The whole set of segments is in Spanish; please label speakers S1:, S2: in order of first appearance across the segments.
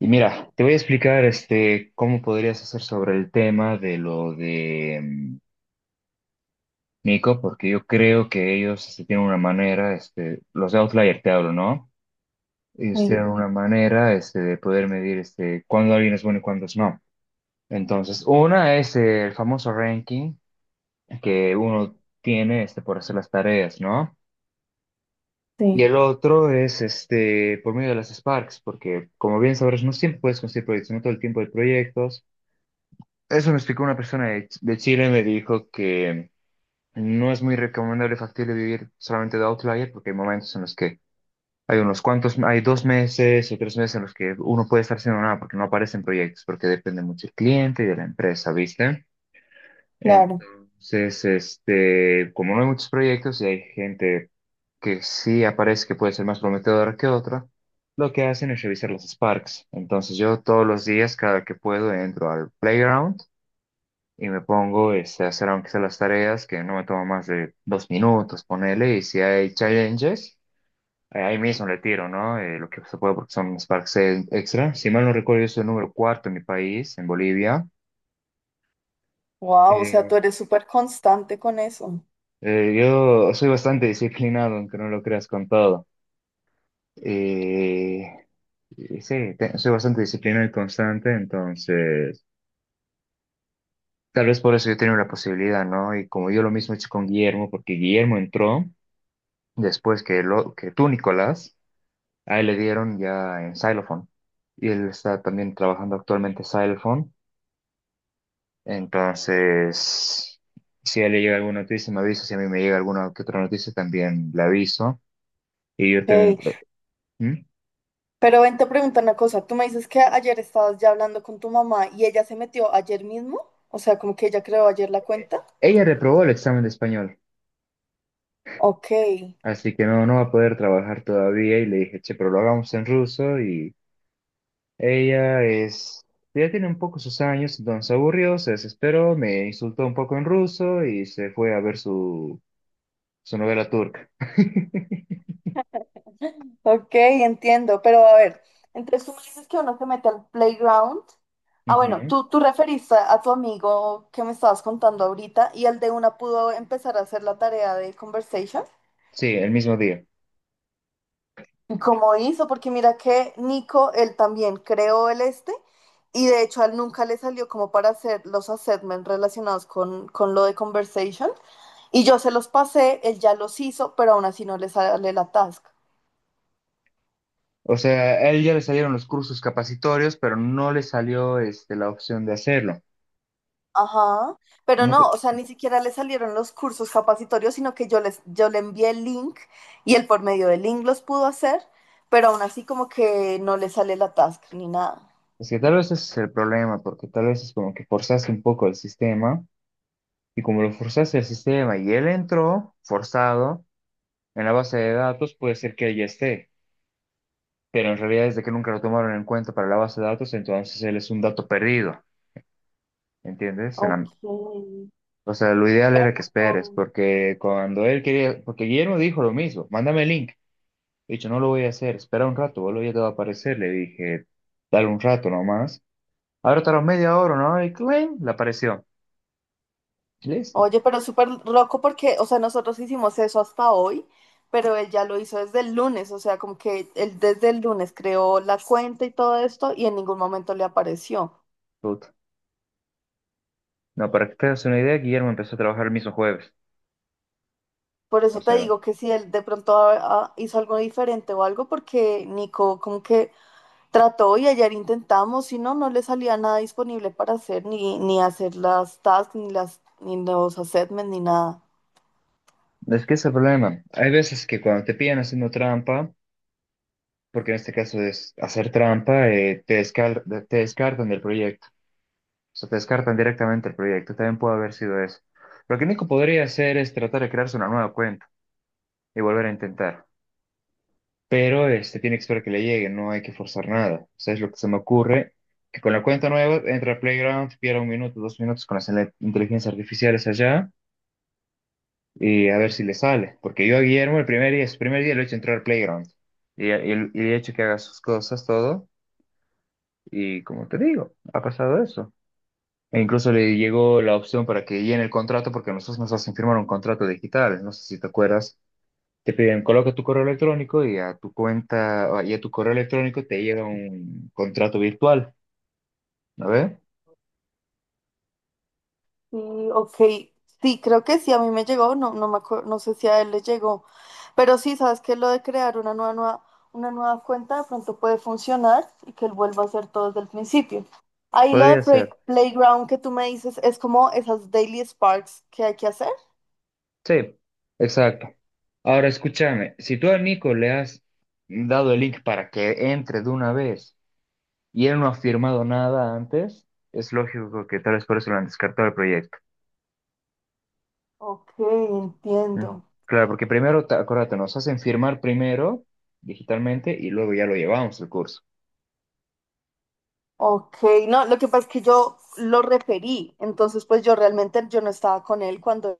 S1: Y mira, te voy a explicar cómo podrías hacer sobre el tema de lo de Nico, porque yo creo que ellos tienen una manera, los de Outlier te hablo, ¿no? Ellos
S2: Sí,
S1: tienen una manera de poder medir cuándo alguien es bueno y cuándo es no. Entonces, una es el famoso ranking que uno tiene por hacer las tareas, ¿no? Y
S2: sí,
S1: el otro es por medio de las Sparks, porque como bien sabrás, no siempre puedes conseguir proyectos, no todo el tiempo hay proyectos. Eso me explicó una persona de, de Chile, me dijo que no es muy recomendable y factible vivir solamente de Outlier porque hay momentos en los que hay unos cuantos, hay 2 meses o 3 meses en los que uno puede estar haciendo nada porque no aparecen proyectos, porque depende mucho del cliente y de la empresa, ¿viste?
S2: claro.
S1: Entonces, como no hay muchos proyectos y hay gente que sí aparece que puede ser más prometedora que otra, lo que hacen es revisar los Sparks. Entonces yo todos los días, cada que puedo, entro al playground y me pongo a hacer aunque sea las tareas, que no me toma más de 2 minutos, ponele, y si hay challenges, ahí mismo le tiro, ¿no? Lo que se puede porque son sparks extra. Si mal no recuerdo, yo soy el número cuarto en mi país, en Bolivia.
S2: Wow, o sea, tú
S1: Eh,
S2: eres súper constante con eso.
S1: yo soy bastante disciplinado, aunque no lo creas con todo. Eh, y sí, soy bastante disciplinado y constante, entonces... Tal vez por eso yo tenía la posibilidad, ¿no? Y como yo lo mismo he hecho con Guillermo, porque Guillermo entró después que, lo, que tú, Nicolás. Ahí le dieron ya en Xylophone. Y él está también trabajando actualmente Xylophone. Entonces, si a él le llega alguna noticia, me avisa. Si a mí me llega alguna que otra noticia, también le aviso. Y yo también...
S2: Hey,
S1: ¿Mm?
S2: pero ven, te pregunto una cosa. Tú me dices que ayer estabas ya hablando con tu mamá y ella se metió ayer mismo. O sea, como que ella creó ayer la cuenta.
S1: Ella reprobó el examen de español,
S2: Ok,
S1: así que no, no va a poder trabajar todavía. Y le dije, che, pero lo hagamos en ruso. Y ella es... Ya tiene un poco sus años, entonces se aburrió, se desesperó, me insultó un poco en ruso y se fue a ver su, su novela turca.
S2: ok, entiendo. Pero a ver, entonces tú me dices que uno se mete al playground. Ah, bueno,
S1: Ujú.
S2: tú referiste a tu amigo que me estabas contando ahorita y el de una pudo empezar a hacer la tarea de conversation.
S1: Sí, el mismo día.
S2: ¿Cómo hizo? Porque mira que Nico, él también creó el este y de hecho a él nunca le salió como para hacer los assessments relacionados con lo de conversation y yo se los pasé, él ya los hizo, pero aún así no le sale la task.
S1: O sea, a él ya le salieron los cursos capacitorios, pero no le salió la opción de hacerlo.
S2: Ajá, pero
S1: No te-
S2: no, o sea, ni siquiera le salieron los cursos capacitorios, sino que yo le envié el link y él por medio del link los pudo hacer, pero aún así como que no le sale la task ni nada.
S1: es que tal vez ese es el problema, porque tal vez es como que forzaste un poco el sistema, y como lo forzaste el sistema y él entró forzado en la base de datos, puede ser que él ya esté, pero en realidad desde que nunca lo tomaron en cuenta para la base de datos, entonces él es un dato perdido, ¿entiendes? O sea, lo ideal era que esperes,
S2: Ok.
S1: porque cuando él quería, porque Guillermo dijo lo mismo, mándame el link. He dicho, no lo voy a hacer, espera un rato, boludo, ya te va a aparecer. Le dije, dale un rato nomás. Ahora tardó media hora, ¿no? Y claim, le apareció. Y listo,
S2: Oye, pero súper loco porque, o sea, nosotros hicimos eso hasta hoy, pero él ya lo hizo desde el lunes, o sea, como que él desde el lunes creó la cuenta y todo esto y en ningún momento le apareció.
S1: puta. No, para que te hagas una idea, Guillermo empezó a trabajar el mismo jueves.
S2: Por
S1: O
S2: eso te
S1: sea,
S2: digo que si él de pronto hizo algo diferente o algo, porque Nico como que trató y ayer intentamos y no, no le salía nada disponible para hacer, ni hacer las tasks, ni los assessments, ni nada.
S1: es que ese es el problema. Hay veces que cuando te pillan haciendo trampa, porque en este caso es hacer trampa, te descartan del proyecto. O sea, te descartan directamente del proyecto. También puede haber sido eso. Lo que Nico podría hacer es tratar de crearse una nueva cuenta y volver a intentar. Pero tiene que esperar que le llegue, no hay que forzar nada. O sea, es lo que se me ocurre, que con la cuenta nueva entra a Playground, pierda un minuto, 2 minutos con las inteligencias artificiales allá y a ver si le sale. Porque yo a Guillermo el primer día, su primer día lo he hecho entrar a Playground y y- he hecho que haga sus cosas, todo. Y como te digo, ha pasado eso. E incluso le llegó la opción para que llene el contrato porque nosotros nos hacen firmar un contrato digital. No sé si te acuerdas. Te piden, coloca tu correo electrónico y a tu cuenta, y a tu correo electrónico te llega un contrato virtual, ¿no ves?
S2: Sí, ok. Sí, creo que sí, a mí me llegó, no, no me acuerdo, no sé si a él le llegó, pero sí, sabes que lo de crear una nueva, una nueva cuenta de pronto puede funcionar y que él vuelva a hacer todo desde el principio. Ahí lo de
S1: Podría ser.
S2: Playground que tú me dices es como esas daily sparks que hay que hacer.
S1: Sí, exacto. Ahora escúchame, si tú a Nico le has dado el link para que entre de una vez y él no ha firmado nada antes, es lógico que tal vez por eso lo han descartado el proyecto.
S2: Ok,
S1: Ujú.
S2: entiendo.
S1: Claro, porque primero, acuérdate, nos hacen firmar primero digitalmente y luego ya lo llevamos el curso.
S2: Ok, no, lo que pasa es que yo lo referí, entonces pues yo realmente yo no estaba con él cuando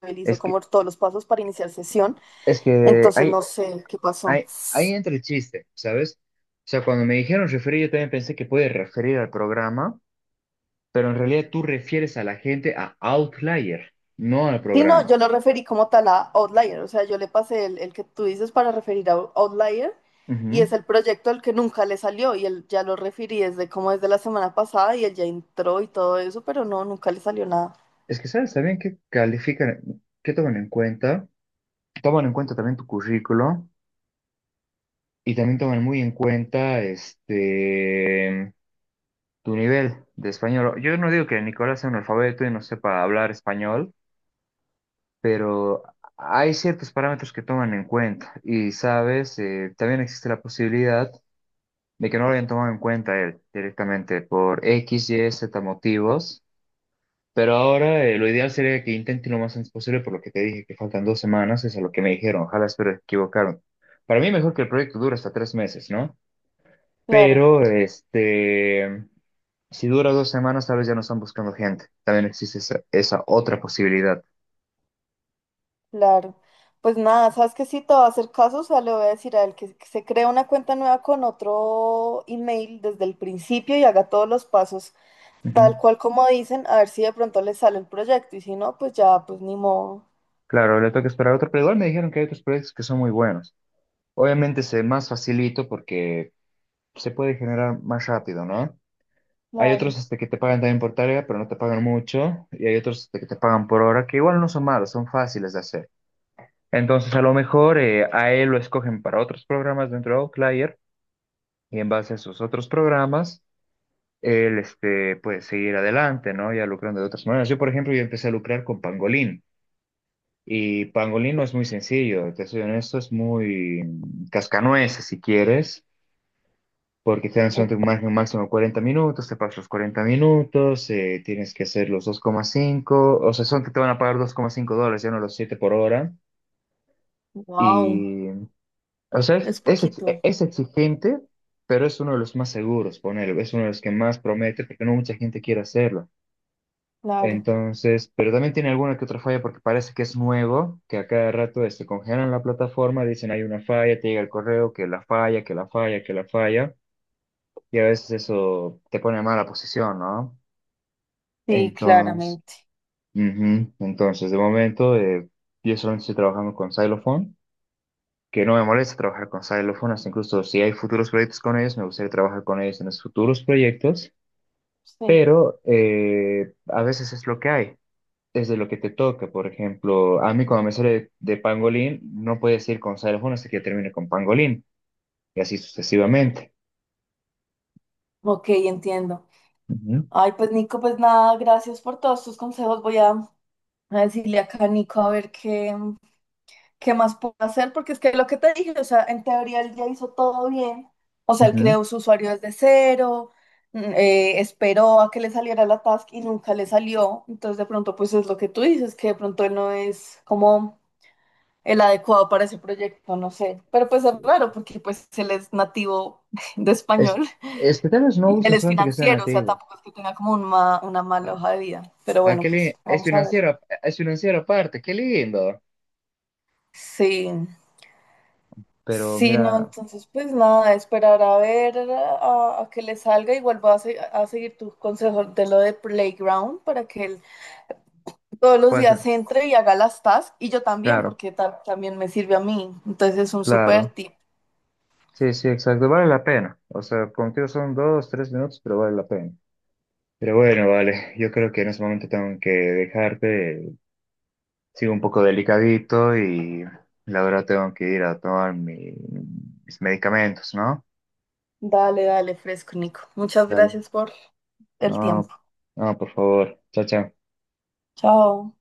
S2: él hizo
S1: Es que,
S2: como todos los pasos para iniciar sesión,
S1: es que
S2: entonces
S1: hay,
S2: no sé qué pasó.
S1: ahí, ahí entra el chiste, ¿sabes? O sea, cuando me dijeron referir, yo también pensé que puede referir al programa, pero en realidad tú refieres a la gente a Outlier, no al
S2: Sí, no,
S1: programa.
S2: yo lo referí como tal a Outlier, o sea, yo le pasé el que tú dices para referir a Outlier y es
S1: Ujú.
S2: el proyecto al que nunca le salió y él ya lo referí desde como desde la semana pasada y él ya entró y todo eso, pero no, nunca le salió nada.
S1: Es que, ¿sabes? También que califican, que toman en cuenta también tu currículo y también toman muy en cuenta tu nivel de español. Yo no digo que Nicolás sea un alfabeto y no sepa hablar español, pero hay ciertos parámetros que toman en cuenta y, sabes, también existe la posibilidad de que no lo hayan tomado en cuenta él directamente por X, Y, Z motivos, pero ahora lo ideal sería que intenten lo más antes posible por lo que te dije, que faltan 2 semanas, es a lo que me dijeron, ojalá espero que equivocaron. Para mí mejor que el proyecto dure hasta 3 meses, ¿no?
S2: Claro,
S1: Pero, si dura 2 semanas, tal vez ya no están buscando gente. También existe esa, esa otra posibilidad.
S2: claro. Pues nada, sabes que sí te va a hacer caso, o sea, le voy a decir a él que se cree una cuenta nueva con otro email desde el principio y haga todos los pasos tal cual como dicen, a ver si de pronto le sale el proyecto y si no, pues ya, pues ni modo.
S1: Claro, le toca esperar otro, pero igual me dijeron que hay otros proyectos que son muy buenos. Obviamente se más facilito porque se puede generar más rápido, ¿no? Hay otros
S2: Claro.
S1: que te pagan también por tarea, pero no te pagan mucho, y hay otros que te pagan por hora, que igual no son malos, son fáciles de hacer. Entonces, a lo mejor a él lo escogen para otros programas dentro de Outlier, y en base a esos otros programas, él puede seguir adelante, ¿no? Ya lucrando de otras maneras. Yo, por ejemplo, yo empecé a lucrar con Pangolin. Y pangolino es muy sencillo, te soy honesto, es muy cascanueces si quieres, porque te dan solamente un máximo, máximo 40 minutos, te pagas los 40 minutos, tienes que hacer los dos coma cinco, o sea, son que te van a pagar $2,5, ya no los 7 por hora.
S2: Wow,
S1: Y, o sea, es,
S2: es
S1: es ex-
S2: poquito,
S1: es exigente, pero es uno de los más seguros, poner es uno de los que más promete, porque no mucha gente quiere hacerlo.
S2: claro.
S1: Entonces, pero también tiene alguna que otra falla porque parece que es nuevo, que a cada rato congelan la plataforma, dicen hay una falla, te llega el correo, que la falla, que la falla, que la falla, y a veces eso te pone en mala posición, ¿no?
S2: Sí,
S1: Entonces,
S2: claramente.
S1: ujú. Entonces, de momento, yo solamente estoy trabajando con Xylophone, que no me molesta trabajar con Xylophone, hasta incluso si hay futuros proyectos con ellos, me gustaría trabajar con ellos en los futuros proyectos,
S2: Sí.
S1: pero a veces es lo que hay. Desde lo que te toca. Por ejemplo, a mí cuando me sale de pangolín, no puedes ir con xilófono hasta que yo termine con pangolín, y así sucesivamente.
S2: Ok, entiendo.
S1: Ujú,
S2: Ay, pues Nico, pues nada, gracias por todos tus consejos. A decirle acá a Nico a ver qué más puedo hacer, porque es que lo que te dije, o sea, en teoría él ya hizo todo bien. O sea, él
S1: ujú.
S2: creó su usuario desde cero, esperó a que le saliera la task y nunca le salió. Entonces, de pronto, pues es lo que tú dices, que de pronto él no es como el adecuado para ese proyecto, no sé. Pero pues es raro porque pues él es nativo de
S1: Es,
S2: español
S1: es que tal vez no
S2: y él
S1: busquen
S2: es
S1: solamente que sea
S2: financiero, o sea,
S1: nativo.
S2: tampoco es que tenga como un una
S1: Ah,
S2: mala hoja de vida. Pero
S1: ah,
S2: bueno,
S1: qué
S2: pues
S1: li- es
S2: vamos a ver.
S1: financiero, es financiero aparte, qué lindo.
S2: Sí,
S1: Pero
S2: sí, no,
S1: mira,
S2: entonces pues nada, esperar a ver a que le salga. Igual voy a seguir tu consejo de lo de Playground para que él todos los
S1: puede ser.
S2: días entre y haga las tasks y yo también,
S1: Claro,
S2: porque también me sirve a mí. Entonces es un súper
S1: claro.
S2: tip.
S1: Sí, sí, exacto. Vale la pena. O sea, contigo son dos, tres minutos, pero vale la pena. Pero bueno, vale. Yo creo que en ese momento tengo que dejarte. Sigo un poco delicadito y la verdad tengo que ir a tomar mis medicamentos, ¿no?
S2: Dale, dale, fresco, Nico. Muchas
S1: Dale.
S2: gracias por el
S1: No,
S2: tiempo.
S1: no, por favor. Chao, chao.
S2: Chao.